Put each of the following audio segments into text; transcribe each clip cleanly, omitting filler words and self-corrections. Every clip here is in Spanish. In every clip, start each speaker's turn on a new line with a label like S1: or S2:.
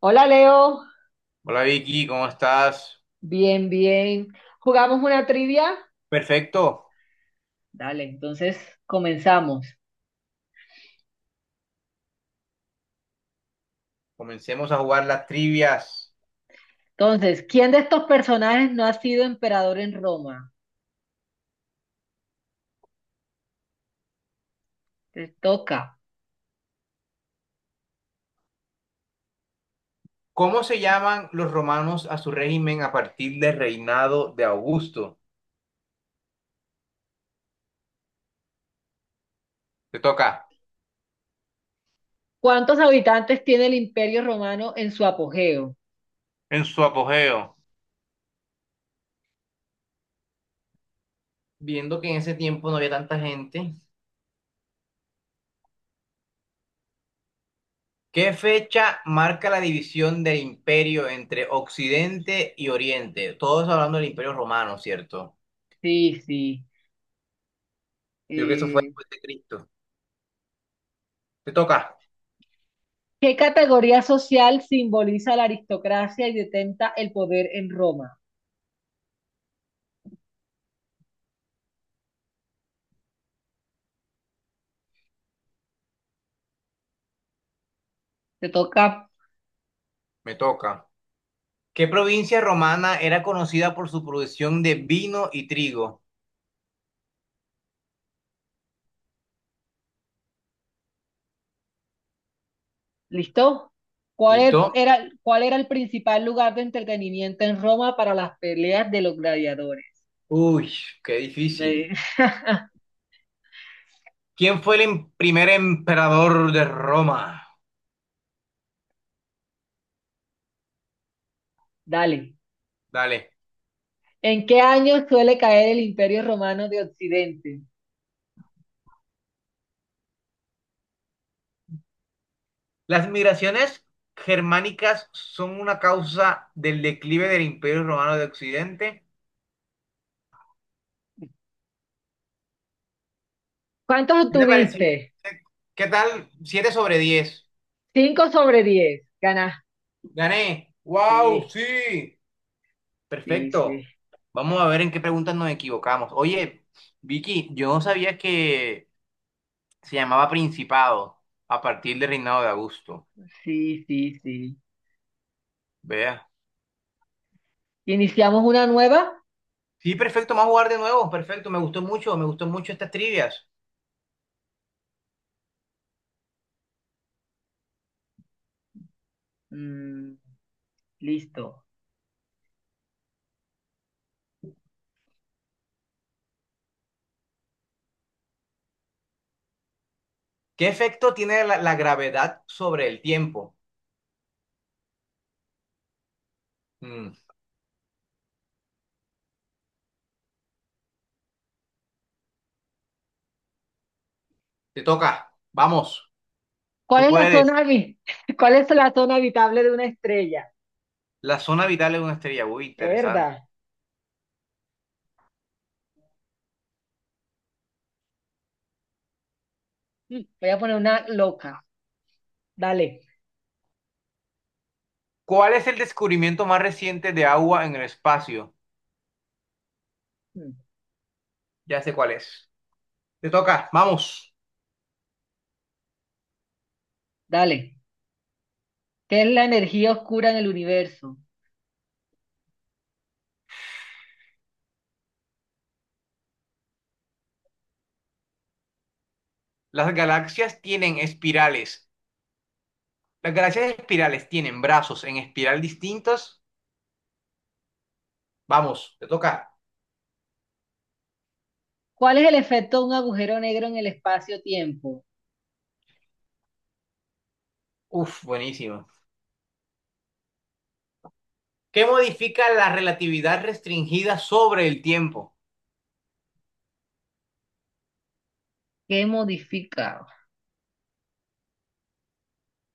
S1: Hola Leo,
S2: Hola Vicky, ¿cómo estás?
S1: bien, bien. ¿Jugamos una trivia?
S2: Perfecto,
S1: Dale, entonces comenzamos.
S2: comencemos a jugar las trivias.
S1: Entonces, ¿quién de estos personajes no ha sido emperador en Roma? Te toca.
S2: ¿Cómo se llaman los romanos a su régimen a partir del reinado de Augusto? Te toca.
S1: ¿Cuántos habitantes tiene el Imperio Romano en su apogeo?
S2: En su apogeo, viendo que en ese tiempo no había tanta gente. ¿Qué fecha marca la división del imperio entre Occidente y Oriente? Todos hablando del imperio romano, ¿cierto?
S1: Sí, sí.
S2: Yo creo que eso fue
S1: Eh,
S2: después de Cristo. Te toca.
S1: ¿Qué categoría social simboliza la aristocracia y detenta el poder en Roma? Te toca.
S2: Me toca. ¿Qué provincia romana era conocida por su producción de vino y trigo?
S1: ¿Listo? ¿Cuál e-
S2: ¿Listo?
S1: era, cuál era el principal lugar de entretenimiento en Roma para las peleas de los gladiadores?
S2: Uy, qué
S1: Eh,
S2: difícil. ¿Quién fue el primer emperador de Roma?
S1: Dale.
S2: Dale.
S1: ¿En qué año suele caer el Imperio Romano de Occidente?
S2: Las migraciones germánicas son una causa del declive del Imperio Romano de Occidente.
S1: ¿Cuántos
S2: ¿Qué te pareció? ¿Qué
S1: obtuviste?
S2: qué tal? ¿7 sobre 10?
S1: 5/10. Ganaste.
S2: Gané. ¡Wow!
S1: Sí,
S2: Sí.
S1: sí, sí.
S2: Perfecto. Vamos a ver en qué preguntas nos equivocamos. Oye, Vicky, yo no sabía que se llamaba Principado a partir del reinado de Augusto.
S1: Sí, sí, sí.
S2: Vea.
S1: ¿Iniciamos una nueva?
S2: Sí, perfecto, vamos a jugar de nuevo, perfecto, me gustó mucho estas trivias.
S1: Mm, listo.
S2: ¿Qué efecto tiene la gravedad sobre el tiempo? Mm, te toca, vamos,
S1: ¿Cuál
S2: tú
S1: es la
S2: puedes.
S1: zona habi- ¿Cuál es la zona habitable de una estrella?
S2: La zona vital de una estrella, uy, interesante.
S1: Verdad. Voy a poner una loca. Dale.
S2: ¿Cuál es el descubrimiento más reciente de agua en el espacio?
S1: Mm,
S2: Ya sé cuál es. Te toca, vamos.
S1: Dale. ¿Qué es la energía oscura en el universo?
S2: Las galaxias tienen espirales. Las galaxias espirales tienen brazos en espiral distintos. Vamos, te toca.
S1: ¿Cuál es el efecto de un agujero negro en el espacio-tiempo?
S2: Uf, buenísimo. ¿Qué modifica la relatividad restringida sobre el tiempo?
S1: ¿Qué modifica?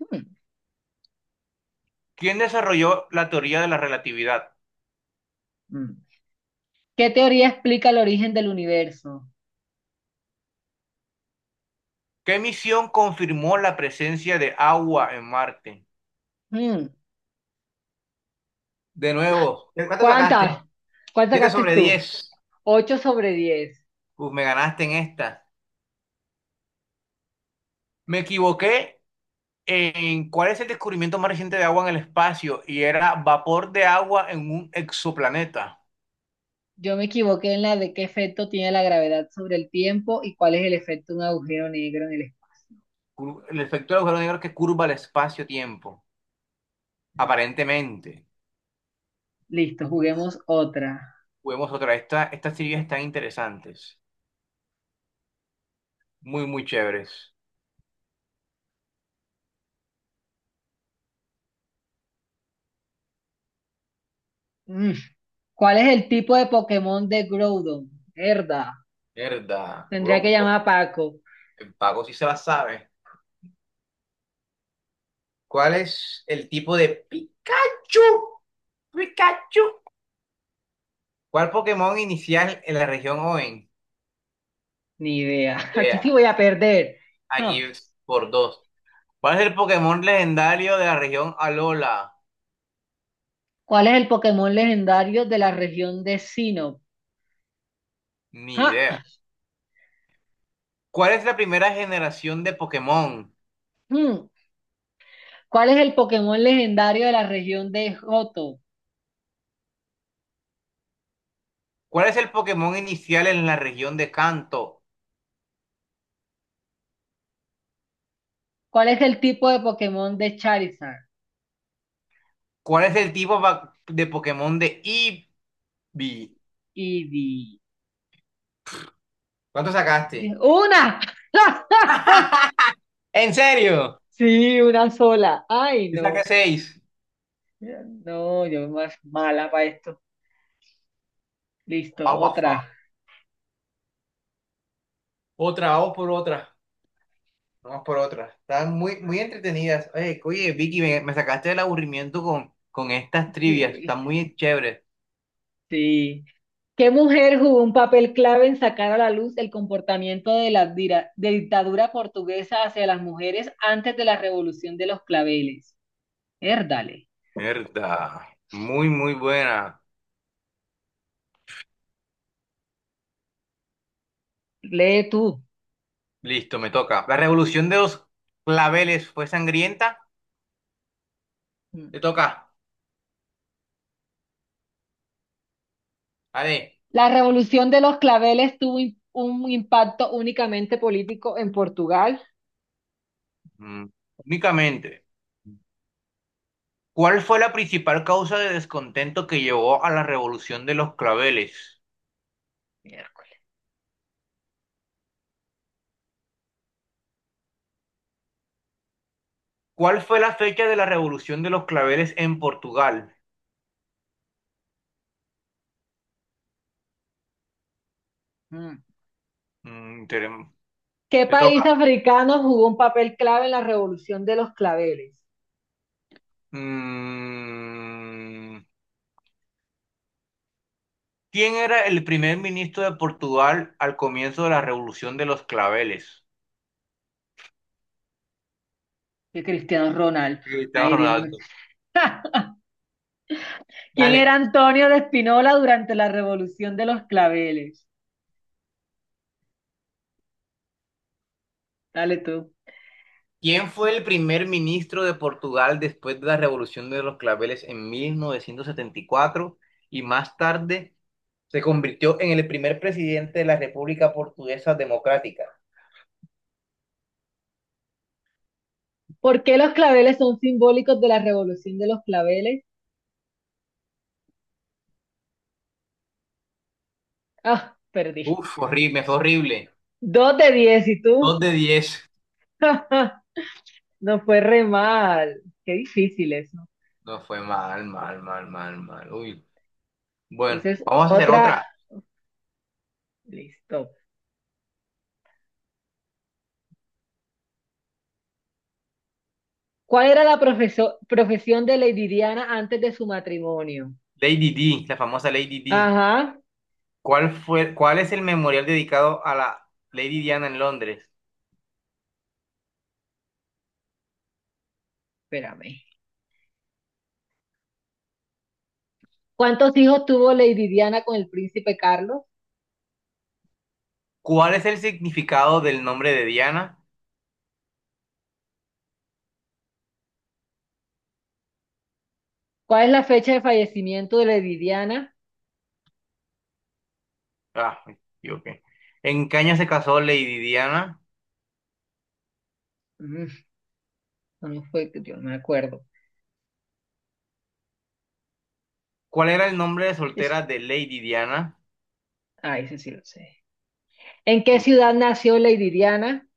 S1: Hmm,
S2: ¿Quién desarrolló la teoría de la relatividad?
S1: hmm. ¿Qué teoría explica el origen del universo?
S2: ¿Qué misión confirmó la presencia de agua en Marte?
S1: Hmm,
S2: De nuevo, ¿de cuánto sacaste?
S1: ¿Cuántas? ¿Cuántas
S2: 7
S1: sacaste
S2: sobre
S1: tú?
S2: 10.
S1: 8/10.
S2: Uf, me ganaste en esta. Me equivoqué en cuál es el descubrimiento más reciente de agua en el espacio y era vapor de agua en un exoplaneta.
S1: Yo me equivoqué en la de qué efecto tiene la gravedad sobre el tiempo y cuál es el efecto de un agujero negro en el
S2: El efecto del agujero negro que curva el espacio-tiempo.
S1: espacio.
S2: Aparentemente.
S1: Listo, juguemos otra.
S2: Juguemos otra. Esta, estas teorías están interesantes. Muy, muy chéveres.
S1: Mm. ¿Cuál es el tipo de Pokémon de Groudon? Herda.
S2: Verdad,
S1: Tendría que
S2: bro,
S1: llamar a Paco.
S2: el pago sí se la sabe. ¿Cuál es el tipo de Pikachu? Pikachu. ¿Cuál Pokémon inicial en la región Hoenn?
S1: Ni idea. Aquí sí
S2: Vea,
S1: voy a perder. Ah.
S2: aquí es por dos. ¿Cuál es el Pokémon legendario de la región Alola?
S1: ¿Cuál es el Pokémon legendario de la región de Sinnoh?
S2: Ni
S1: Ja,
S2: idea. ¿Cuál es la primera generación de Pokémon?
S1: mm. ¿Cuál es el Pokémon legendario de la región de Johto?
S2: ¿Cuál es el Pokémon inicial en la región de Kanto?
S1: ¿Cuál es el tipo de Pokémon de Charizard?
S2: ¿Cuál es el tipo de Pokémon de Eevee?
S1: Y di-
S2: ¿Cuánto sacaste?
S1: ¡Una!
S2: ¿En serio?
S1: Sí, una sola. Ay,
S2: Y saqué
S1: no.
S2: seis.
S1: No, yo más mala para esto. Listo,
S2: Albafa.
S1: otra.
S2: Otra, vamos por otra. Vamos por otra. Están muy, muy entretenidas. Oye, oye, Vicky, me sacaste del aburrimiento con estas trivias.
S1: Sí,
S2: Están muy chéveres.
S1: sí. ¿Qué mujer jugó un papel clave en sacar a la luz el comportamiento de la dira- de dictadura portuguesa hacia las mujeres antes de la Revolución de los Claveles? Érdale,
S2: Mierda. Muy, muy buena.
S1: lee tú.
S2: Listo, me toca. La revolución de los claveles fue sangrienta.
S1: Mm.
S2: Te toca. A ver.
S1: La revolución de los claveles tuvo un impacto únicamente político en Portugal.
S2: Mm, Únicamente. ¿Cuál fue la principal causa de descontento que llevó a la revolución de los claveles?
S1: Miércoles.
S2: ¿Cuál fue la fecha de la revolución de los claveles en Portugal?
S1: Mm.
S2: Mm, tenem-
S1: ¿Qué
S2: Te
S1: país
S2: toca.
S1: africano jugó un papel clave en la revolución de los claveles?
S2: Mm, ¿Quién era el primer ministro de Portugal al comienzo de la Revolución de los Claveles?
S1: Que Cristiano Ronaldo. Ay,
S2: Cristiano
S1: Dios mío.
S2: Ronaldo.
S1: ¿Quién era
S2: Dale.
S1: Antonio de Espinola durante la revolución de los claveles? Dale tú.
S2: ¿Quién fue el primer ministro de Portugal después de la Revolución de los Claveles en 1974 y cuatro y más tarde se convirtió en el primer presidente de la República Portuguesa Democrática?
S1: ¿Por qué los claveles son simbólicos de la revolución de los claveles? Ah, perdí.
S2: Uf, horrible, fue horrible.
S1: 2/10, ¿y tú?
S2: Dos de diez.
S1: No fue re mal. Qué difícil difíciles.
S2: No fue mal, mal, mal, mal, mal. Uy, bueno,
S1: Entonces,
S2: vamos a hacer
S1: otra,
S2: otra.
S1: listo. ¿Cuál era la profesión de Lady Diana antes de su matrimonio?
S2: Lady D, la famosa Lady D.
S1: Ajá,
S2: ¿Cuál fue, cuál es el memorial dedicado a la Lady Diana en Londres?
S1: espérame. ¿Cuántos hijos tuvo Lady Diana con el príncipe Carlos?
S2: ¿Cuál es el significado del nombre de Diana?
S1: ¿Cuál es la fecha de fallecimiento de Lady Diana?
S2: Ah, yo qué. ¿En qué año se casó Lady Diana?
S1: Mm, no fue, yo no me acuerdo.
S2: ¿Cuál era el nombre de
S1: Es,
S2: soltera de Lady Diana?
S1: ah, ese sí lo sé. ¿En qué
S2: Ni,
S1: ciudad nació Lady Diana?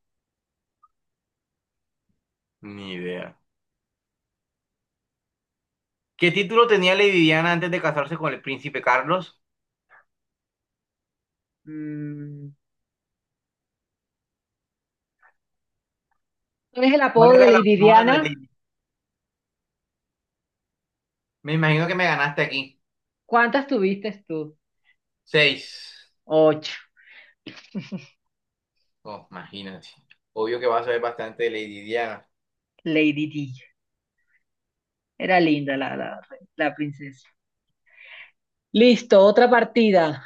S2: ni idea. ¿Qué título tenía Lady Diana antes de casarse con el príncipe Carlos?
S1: Mm, ¿cuál es el
S2: ¿Cuál
S1: apodo de
S2: era el
S1: Lady
S2: apodo de
S1: Diana?
S2: Lady? Me imagino que me ganaste aquí.
S1: ¿Cuántas tuviste tú?
S2: Seis.
S1: Ocho.
S2: Oh, imagínate. Obvio que vas a ver bastante de Lady Diana.
S1: Lady D. Era linda la, princesa. Listo, otra partida.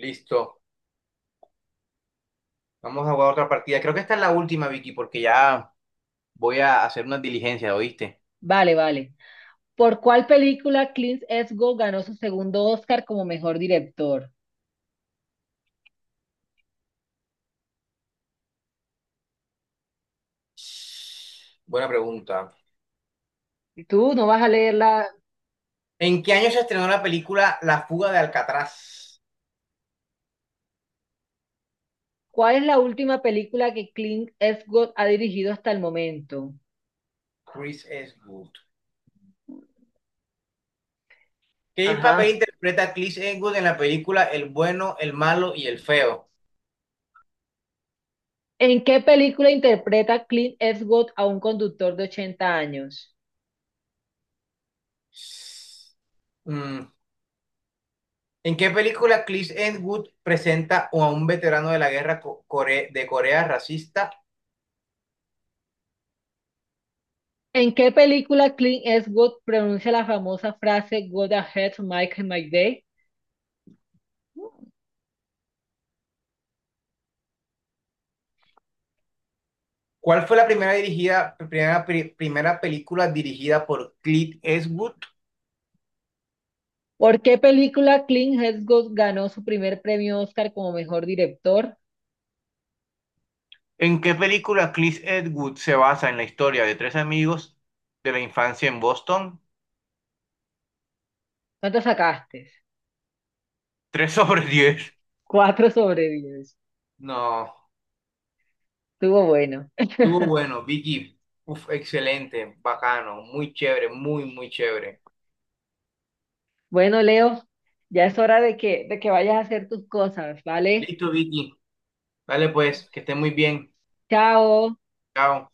S2: Listo. Vamos a jugar otra partida. Creo que esta es la última, Vicky, porque ya voy a hacer unas diligencias, ¿oíste?
S1: Vale, vale. ¿Por cuál película Clint Eastwood ganó su segundo Oscar como mejor director?
S2: Buena pregunta.
S1: Y tú no vas a leerla.
S2: ¿En qué año se estrenó la película La fuga de Alcatraz?
S1: ¿Cuál es la última película que Clint Eastwood ha dirigido hasta el momento?
S2: Chris Eastwood. ¿Qué papel
S1: Ajá.
S2: interpreta Chris Eastwood en la película El bueno, el malo y el feo?
S1: ¿En qué película interpreta Clint Eastwood a un conductor de 80 años?
S2: Mm, ¿En qué película Clint Eastwood presenta a un veterano de la guerra de Corea racista?
S1: ¿En qué película Clint Eastwood pronuncia la famosa frase "Go ahead, Mike my day"?
S2: ¿Cuál fue la primera película dirigida por Clint Eastwood?
S1: ¿Por qué película Clint Eastwood ganó su primer premio Oscar como mejor director?
S2: ¿En qué película Clint Eastwood se basa en la historia de tres amigos de la infancia en Boston?
S1: ¿Cuánto sacaste?
S2: 3 sobre 10.
S1: 4/10.
S2: No,
S1: Estuvo bueno.
S2: estuvo bueno, Vicky. Uf, excelente, bacano, muy chévere, muy, muy chévere.
S1: Bueno, Leo, ya es hora de que vayas a hacer tus cosas, ¿vale?
S2: Listo, Vicky. Dale pues, que esté muy bien.
S1: Chao.
S2: Chao.